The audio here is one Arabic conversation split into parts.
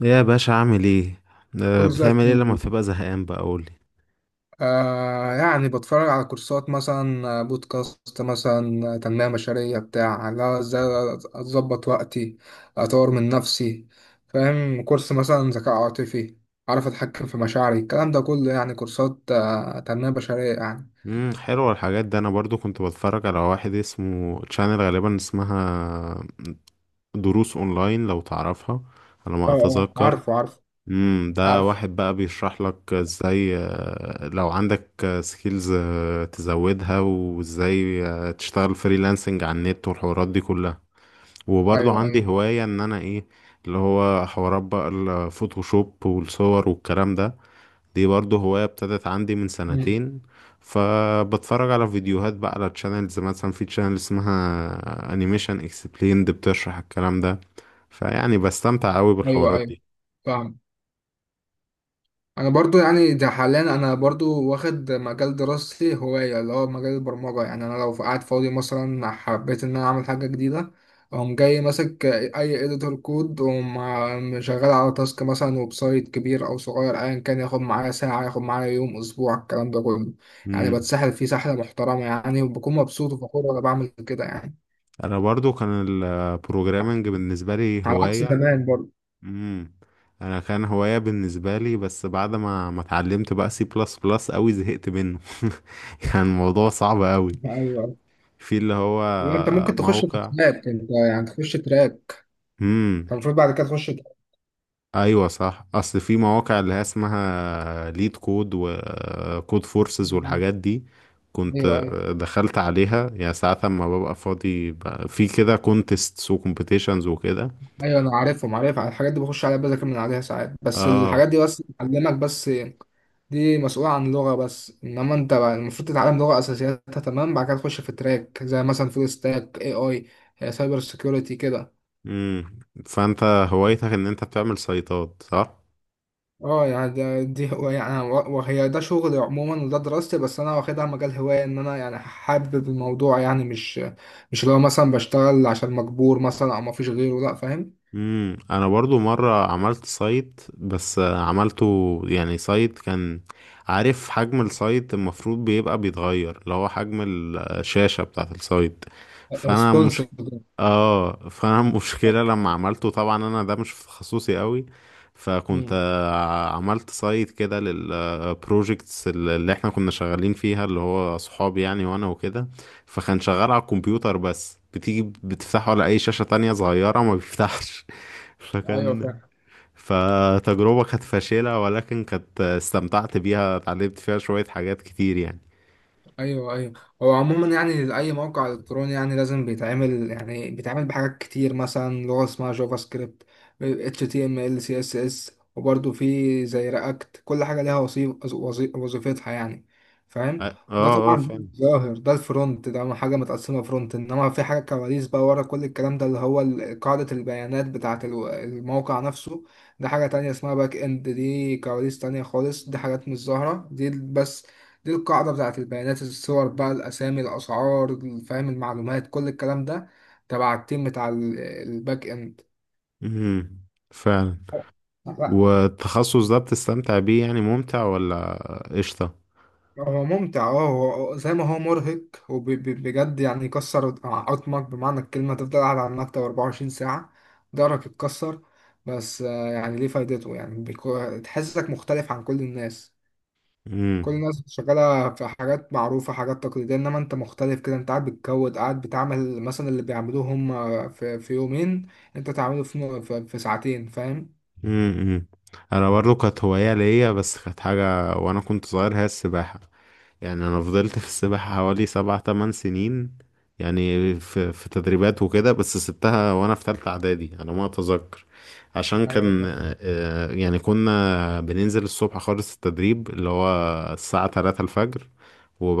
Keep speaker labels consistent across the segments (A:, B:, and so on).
A: يا باشا عامل ايه؟
B: كله زي
A: بتعمل ايه لما
B: الفل.
A: بتبقى زهقان بقى قولي؟
B: يعني بتفرج على كورسات مثلا، بودكاست مثلا، تنمية بشرية بتاع، لا ازاي اظبط وقتي، اطور من نفسي، فاهم؟ كورس مثلا ذكاء عاطفي، اعرف اتحكم في مشاعري، الكلام ده كله يعني كورسات تنمية بشرية يعني.
A: حلوة الحاجات دي، انا برضو كنت بتفرج على واحد اسمه تشانل، غالبا اسمها دروس اونلاين لو تعرفها على ما
B: اه
A: اتذكر.
B: عارفه عارفه
A: ده
B: عارفه
A: واحد بقى بيشرح لك ازاي، لو عندك سكيلز تزودها وازاي تشتغل فريلانسنج على النت والحوارات دي كلها، وبرضو
B: ايوه
A: عندي
B: ايوه.
A: هواية ان انا ايه اللي هو حوارات بقى الفوتوشوب والصور والكلام ده، دي برضه هواية ابتدت عندي من
B: مم.
A: سنتين. فبتفرج على فيديوهات بقى على تشانلز، مثلا في تشانل اسمها انيميشن اكسبليند بتشرح الكلام ده، فيعني بستمتع قوي
B: ايوه
A: بالحوارات
B: ايوه،
A: دي.
B: فاهم. انا برضو يعني ده حاليا، انا برضو واخد مجال دراستي هواية، اللي هو مجال البرمجة، يعني انا لو قاعد فاضي مثلا حبيت ان انا اعمل حاجة جديدة اقوم جاي ماسك اي اديتور كود واقوم شغال على تاسك مثلا، ويب سايت كبير او صغير ايا كان، ياخد معايا ساعة، ياخد معايا يوم، اسبوع، الكلام ده كله يعني،
A: مم.
B: بتسحل فيه سحلة محترمة يعني، وبكون مبسوط وفخور وانا بعمل كده يعني،
A: انا برضو كان البروجرامنج بالنسبة لي
B: على عكس
A: هواية.
B: زمان برضو.
A: مم. انا كان هواية بالنسبة لي، بس بعد ما ما اتعلمت بقى سي بلس بلس قوي زهقت منه كان الموضوع صعب قوي
B: ايوه.
A: في اللي هو
B: لا انت ممكن تخش في
A: موقع.
B: تراك، انت يعني تخش تراك،
A: مم.
B: انت المفروض بعد كده تخش تراك.
A: ايوه صح، اصل في مواقع اللي هي اسمها ليد كود وكود فورسز والحاجات دي. كنت
B: ايوه ايوه.
A: دخلت عليها يعني ساعات لما ببقى فاضي، في كده كونتيستس وكومبيتيشنز وكده.
B: ايوه انا عارفهم، عارف على الحاجات دي، بخش عليها بذاكر من عليها ساعات، بس
A: اه.
B: الحاجات دي بس بتعلمك بس، دي مسؤولة عن لغة بس، انما انت بقى المفروض تتعلم لغة اساسياتها تمام، بعد كده تخش في تراك زي مثلا فول ستاك اي سايبر سيكيورتي كده.
A: امم فانت هوايتك ان انت بتعمل سايتات، صح؟
B: اه يعني ده دي هو يعني وهي ده شغلي عموما، وده دراستي، بس انا واخدها مجال هواية ان انا يعني حابب الموضوع يعني، مش اللي هو مثلا بشتغل عشان مجبور مثلا او مفيش غيره، لا، فاهم؟
A: انا برضو مره عملت سايت بس عملته يعني سايت كان. عارف حجم السايت المفروض بيبقى بيتغير اللي هو حجم الشاشه بتاعه السايت، فانا مش.
B: ريسبونسبل.
A: اه، فانا المشكله لما عملته طبعا انا ده مش في تخصصي قوي، فكنت عملت سايت كده للبروجكتس اللي احنا كنا شغالين فيها اللي هو صحابي يعني وانا وكده. فكان شغال على الكمبيوتر، بس بتيجي بتفتحه على اي شاشه تانية صغيره ما بيفتحش
B: ايوه
A: فكان
B: فاهم.
A: فتجربه كانت فاشله، ولكن كانت استمتعت بيها، اتعلمت فيها شويه حاجات كتير يعني.
B: ايوه ايوه. هو عموما يعني اي موقع الكتروني يعني لازم بيتعمل، يعني بيتعمل بحاجات كتير، مثلا لغه اسمها جافا سكريبت، اتش تي ام ال، سي اس اس، وبرده في زي رياكت، كل حاجه ليها وظيفتها يعني، فاهم؟
A: اه
B: ده
A: اه،
B: طبعا
A: فعلا.
B: ده ظاهر، ده الفرونت، ده حاجه متقسمه فرونت، انما في حاجه كواليس بقى ورا كل الكلام ده، اللي هو قاعده البيانات بتاعه الموقع نفسه. ده حاجه تانية اسمها باك اند، دي كواليس تانية خالص، دي حاجات مش ظاهره دي، بس دي القاعدة بتاعت البيانات، الصور بقى، الأسامي، الأسعار، فاهم؟ المعلومات، كل الكلام ده تبع التيم بتاع الباك إند.
A: مهم. فعلا.
B: لا
A: والتخصص ده بتستمتع بيه، يعني ممتع ولا؟ قشطة.
B: هو ممتع، اه هو زي ما هو مرهق، وبجد يعني يكسر عظمك بمعنى الكلمة، تفضل قاعد على المكتب 24 ساعة، ضهرك يتكسر. بس آه، يعني ليه فايدته يعني، تحسسك مختلف عن كل الناس. كل
A: امم
B: الناس شغالة في حاجات معروفة، حاجات تقليدية، انما انت مختلف كده، انت قاعد بتكود، قاعد بتعمل مثلا اللي بيعملوه هم في يومين، انت تعمله في ساعتين، فاهم؟
A: امم انا برضو كانت هواية ليا، بس كانت حاجة وانا كنت صغير، هي السباحة. يعني انا فضلت في السباحة حوالي سبع تمن سنين، يعني في تدريبات وكده، بس سبتها وانا في تالتة اعدادي، انا ما اتذكر عشان
B: ايوه
A: كان.
B: فاهم.
A: يعني كنا بننزل الصبح خالص، التدريب اللي هو الساعة 3 الفجر،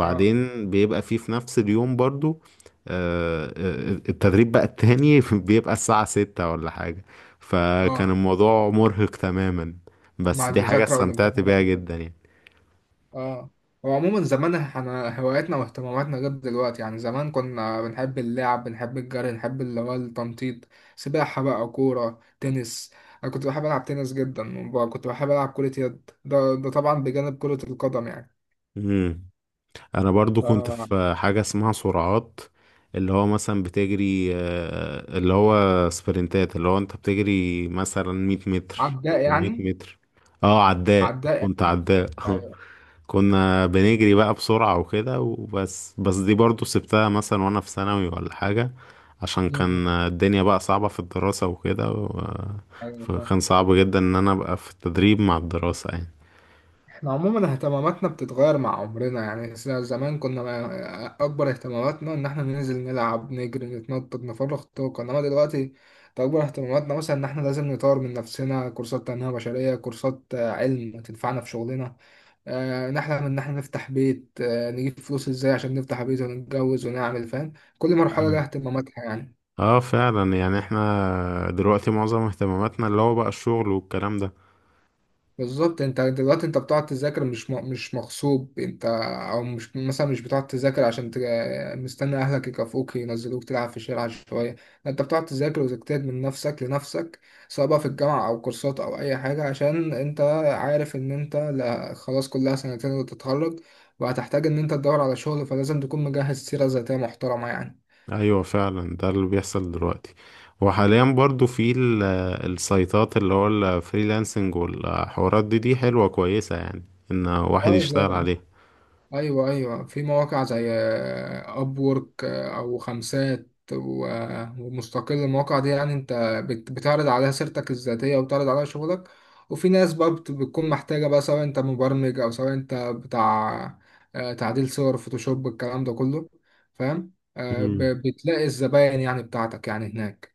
B: اه
A: بيبقى فيه في نفس اليوم برضو التدريب بقى التاني بيبقى الساعة ستة ولا حاجة. فكان
B: اه.
A: الموضوع مرهق تماما،
B: مع
A: بس دي حاجة
B: المذاكرة
A: استمتعت
B: والامتحانات
A: بيها
B: وكده،
A: جدا يعني.
B: اه. هو عموما زمان احنا هواياتنا واهتماماتنا غير دلوقتي، يعني زمان كنا بنحب اللعب، بنحب الجري، نحب اللي هو التنطيط، سباحة بقى، كورة، تنس، انا كنت بحب العب تنس جدا، وكنت بحب العب كرة يد، ده طبعا بجانب كرة القدم يعني.
A: مم. انا برضو كنت
B: آه.
A: في حاجة اسمها سرعات، اللي هو مثلا بتجري، اللي هو سبرنتات اللي هو انت بتجري مثلا 100 متر
B: عداء
A: 400
B: يعني.
A: متر. اه، عداء،
B: عداء
A: كنت
B: يعني.
A: عداء
B: ايوه.
A: كنا بنجري بقى بسرعة وكده وبس بس دي برضو سبتها مثلا وانا في ثانوي ولا حاجة، عشان
B: م- م.
A: كان الدنيا بقى صعبة في الدراسة وكده.
B: ايوه فاهم.
A: فكان صعب جدا ان انا ابقى في التدريب مع الدراسة يعني.
B: احنا عموما اهتماماتنا بتتغير مع عمرنا يعني، زمان كنا اكبر اهتماماتنا ان احنا ننزل نلعب، نجري، نتنطط، نفرغ طاقه، انما دلوقتي اكبر اهتماماتنا مثلا ان احنا لازم نطور من نفسنا، كورسات تنميه بشريه، كورسات علم تنفعنا في شغلنا، نحلم ان احنا نفتح بيت، نجيب فلوس ازاي عشان نفتح بيت ونتجوز ونعمل، فاهم؟ كل مرحله
A: أيوة.
B: لها اهتماماتها يعني.
A: اه فعلا، يعني احنا دلوقتي معظم اهتماماتنا اللي هو بقى الشغل والكلام ده.
B: بالظبط، انت دلوقتي انت بتقعد تذاكر مش مش مغصوب انت، او مش مثلا مش بتقعد تذاكر عشان مستني اهلك يكافئوك ينزلوك تلعب في الشارع شويه، لا انت بتقعد تذاكر وتجتهد من نفسك لنفسك، سواء بقى في الجامعه او كورسات او اي حاجه، عشان انت عارف ان انت، لا خلاص كلها سنتين وتتخرج، وهتحتاج ان انت تدور على شغل، فلازم تكون مجهز سيره ذاتيه محترمه يعني.
A: ايوه فعلا، ده اللي بيحصل دلوقتي، وحاليا برضو في السايتات اللي هو الفريلانسنج والحوارات دي، دي حلوة كويسة يعني ان واحد يشتغل
B: اه
A: عليها.
B: ايوه ايوه، في مواقع زي اب وورك او خمسات ومستقل، المواقع دي يعني انت بتعرض عليها سيرتك الذاتيه، وبتعرض عليها شغلك، وفي ناس بقى بتكون محتاجه بقى، سواء انت مبرمج او سواء انت بتاع تعديل صور فوتوشوب، الكلام ده كله، فاهم؟
A: امم
B: بتلاقي الزباين يعني بتاعتك يعني هناك.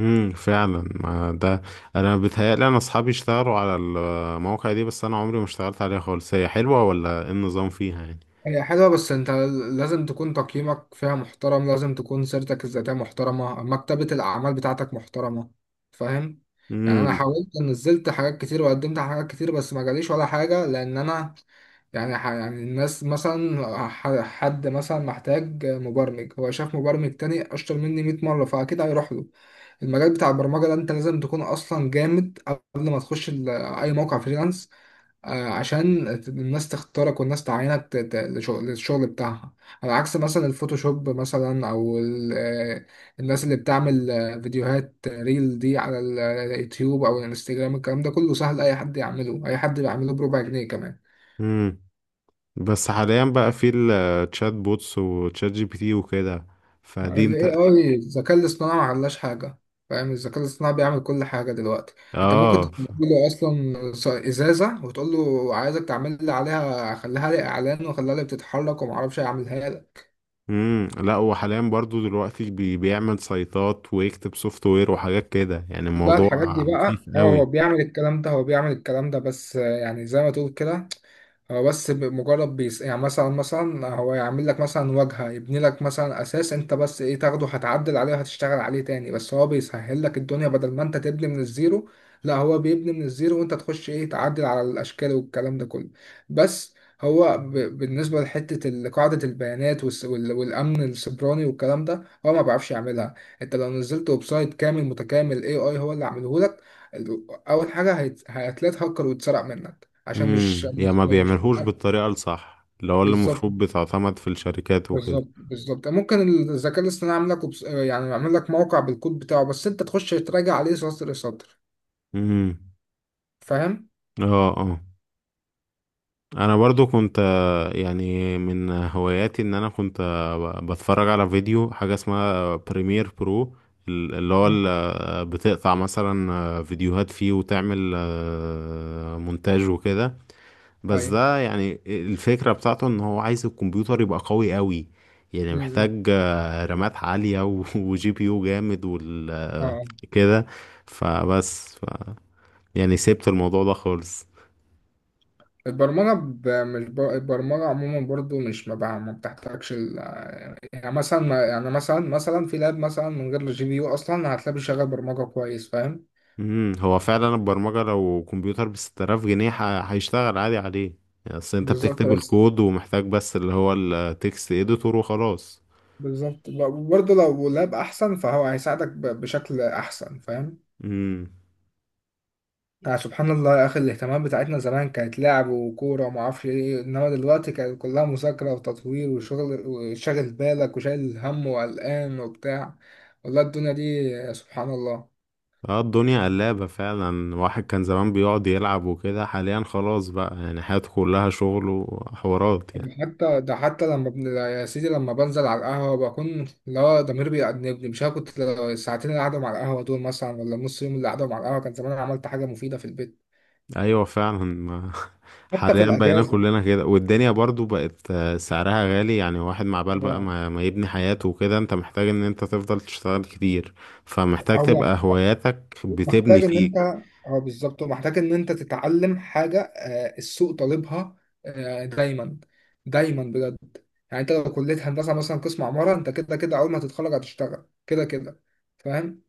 A: فعلا ما ده، انا بيتهيألي انا اصحابي اشتغلوا على المواقع دي، بس انا عمري ما اشتغلت عليها خالص، هي حلوة ولا ايه النظام فيها يعني؟
B: هي حلوة بس انت لازم تكون تقييمك فيها محترم، لازم تكون سيرتك الذاتية محترمة، مكتبة الأعمال بتاعتك محترمة، فاهم؟ يعني أنا
A: امم
B: حاولت نزلت حاجات كتير وقدمت على حاجات كتير، بس ما جاليش ولا حاجة، لأن أنا يعني يعني الناس مثلا، حد مثلا محتاج مبرمج، هو شاف مبرمج تاني أشطر مني 100 مرة، فأكيد هيروح له. المجال بتاع البرمجة ده انت لازم تكون اصلا جامد قبل ما تخش اي موقع فريلانس، عشان الناس تختارك والناس تعينك للشغل بتاعها. على عكس مثلا الفوتوشوب مثلا، او الناس اللي بتعمل فيديوهات ريل دي على اليوتيوب او الانستجرام، الكلام ده كله سهل، اي حد يعمله، اي حد بيعمله بربع جنيه كمان.
A: امم بس حاليا بقى في التشات بوتس وتشات جي بي تي وكده، فدي
B: ال
A: انت.
B: AI الذكاء الاصطناعي ما عملش حاجة، فاهم؟ الذكاء الاصطناعي بيعمل كل حاجة دلوقتي، انت ممكن
A: اه.
B: تقول له اصلا ازازة، وتقول له عايزك تعمل لي عليها، خليها لي اعلان، وخليها لي بتتحرك، وما اعرفش اعملها لك.
A: لا، وحاليا برضو دلوقتي بيعمل سايتات ويكتب سوفت وير وحاجات كده، يعني
B: لا الحاجات
A: الموضوع
B: دي بقى،
A: مخيف
B: اه هو
A: قوي.
B: بيعمل الكلام ده، هو بيعمل الكلام ده بس آه، يعني زي ما تقول كده، هو بس مجرد بيس يعني، مثلا هو يعمل لك مثلا واجهة، يبني لك مثلا أساس، أنت بس إيه تاخده هتعدل عليه وهتشتغل عليه تاني، بس هو بيسهل لك الدنيا بدل ما أنت تبني من الزيرو، لا هو بيبني من الزيرو وأنت تخش إيه تعدل على الأشكال والكلام ده كله بس. هو بالنسبة لحتة قاعدة البيانات والأمن السيبراني والكلام ده، هو ما بيعرفش يعملها. انت لو نزلت ويب سايت كامل متكامل اي هو اللي عامله لك، اول حاجه هتلاقي هاكر ويتسرق منك، عشان مش
A: يا
B: مش,
A: ما
B: مش
A: بيعملهوش بالطريقة الصح، اللي هو اللي
B: بالظبط.
A: المفروض بتعتمد في الشركات وكده.
B: بالظبط ممكن الذكاء الاصطناعي يعمل لك يعني يعمل لك موقع بالكود بتاعه، بس انت تخش تراجع عليه سطر سطر،
A: امم
B: فاهم؟
A: اه اه. انا برضو كنت، يعني من هواياتي ان انا كنت، بتفرج على فيديو حاجة اسمها بريمير برو، اللي هو
B: مم.
A: بتقطع مثلا فيديوهات فيه وتعمل مونتاج وكده. بس
B: ايوه.
A: ده يعني الفكرة بتاعته ان هو عايز الكمبيوتر يبقى قوي قوي، يعني
B: امم امم.
A: محتاج رامات عالية وجي بي يو جامد وال
B: اه
A: آه،
B: آه.
A: كده. فبس يعني سيبت الموضوع ده خالص.
B: البرمجه ب... مش ب... البرمجه عموما برضو مش، ما بقى ما بتحتاجش يعني مثلا ما... يعني مثلا في لاب مثلا من غير الجي بي يو اصلا هتلاقيه بيشغل برمجه كويس، فاهم؟
A: هو فعلا البرمجة لو كمبيوتر ب 6000 جنيه هيشتغل عادي عليه، يعني اصل انت
B: بالظبط
A: بتكتب
B: بس،
A: الكود ومحتاج بس اللي هو التكست اديتور وخلاص.
B: بالظبط. برضه لو لاب احسن فهو هيساعدك بشكل احسن، فاهم؟
A: امم
B: يعني سبحان الله يا اخي، الاهتمامات بتاعتنا زمان كانت لعب وكوره وما اعرفش ايه، انما دلوقتي كانت كلها مذاكره وتطوير وشغل، وشاغل بالك وشايل هم وقلقان وبتاع. والله الدنيا دي سبحان الله.
A: اه، الدنيا قلابة فعلا، واحد كان زمان بيقعد يلعب وكده، حاليا خلاص بقى يعني حياته كلها شغل وحوارات يعني.
B: ده حتى لما يا سيدي لما بنزل على القهوه بكون، لا ضميري بيأنبني، مش عارف كنت لو الساعتين اللي قعدهم على القهوه دول مثلا، ولا النص يوم اللي قعدهم على القهوه، كان زمان أنا عملت حاجه مفيده في البيت.
A: ايوه فعلا
B: حتى في
A: حاليا بقينا
B: الأجازة.
A: كلنا كده، والدنيا برضو بقت سعرها غالي يعني، واحد مع بال بقى
B: اه.
A: ما, ما يبني حياته وكده، انت محتاج ان انت تفضل تشتغل كتير، فمحتاج
B: او
A: تبقى
B: محت-
A: هواياتك بتبني
B: محتاج ان انت،
A: فيك.
B: اه بالظبط، محتاج ان انت تتعلم حاجه آه، السوق طالبها، دايما، دايما بجد. يعني انت لو كليه هندسه مثلا قسم عماره، انت كده كده اول ما تتخرج هتشتغل كده كده، فاهم؟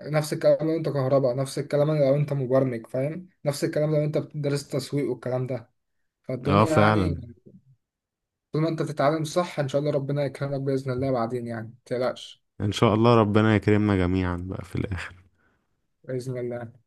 B: نفس الكلام لو انت كهرباء، نفس الكلام لو انت مبرمج، فاهم؟ نفس الكلام لو انت بتدرس تسويق والكلام ده،
A: اه
B: فالدنيا
A: فعلا،
B: يعني، طول ما انت بتتعلم صح ان شاء الله ربنا يكرمك باذن الله بعدين يعني، متقلقش،
A: ان شاء الله ربنا يكرمنا جميعا بقى في الاخر.
B: باذن الله.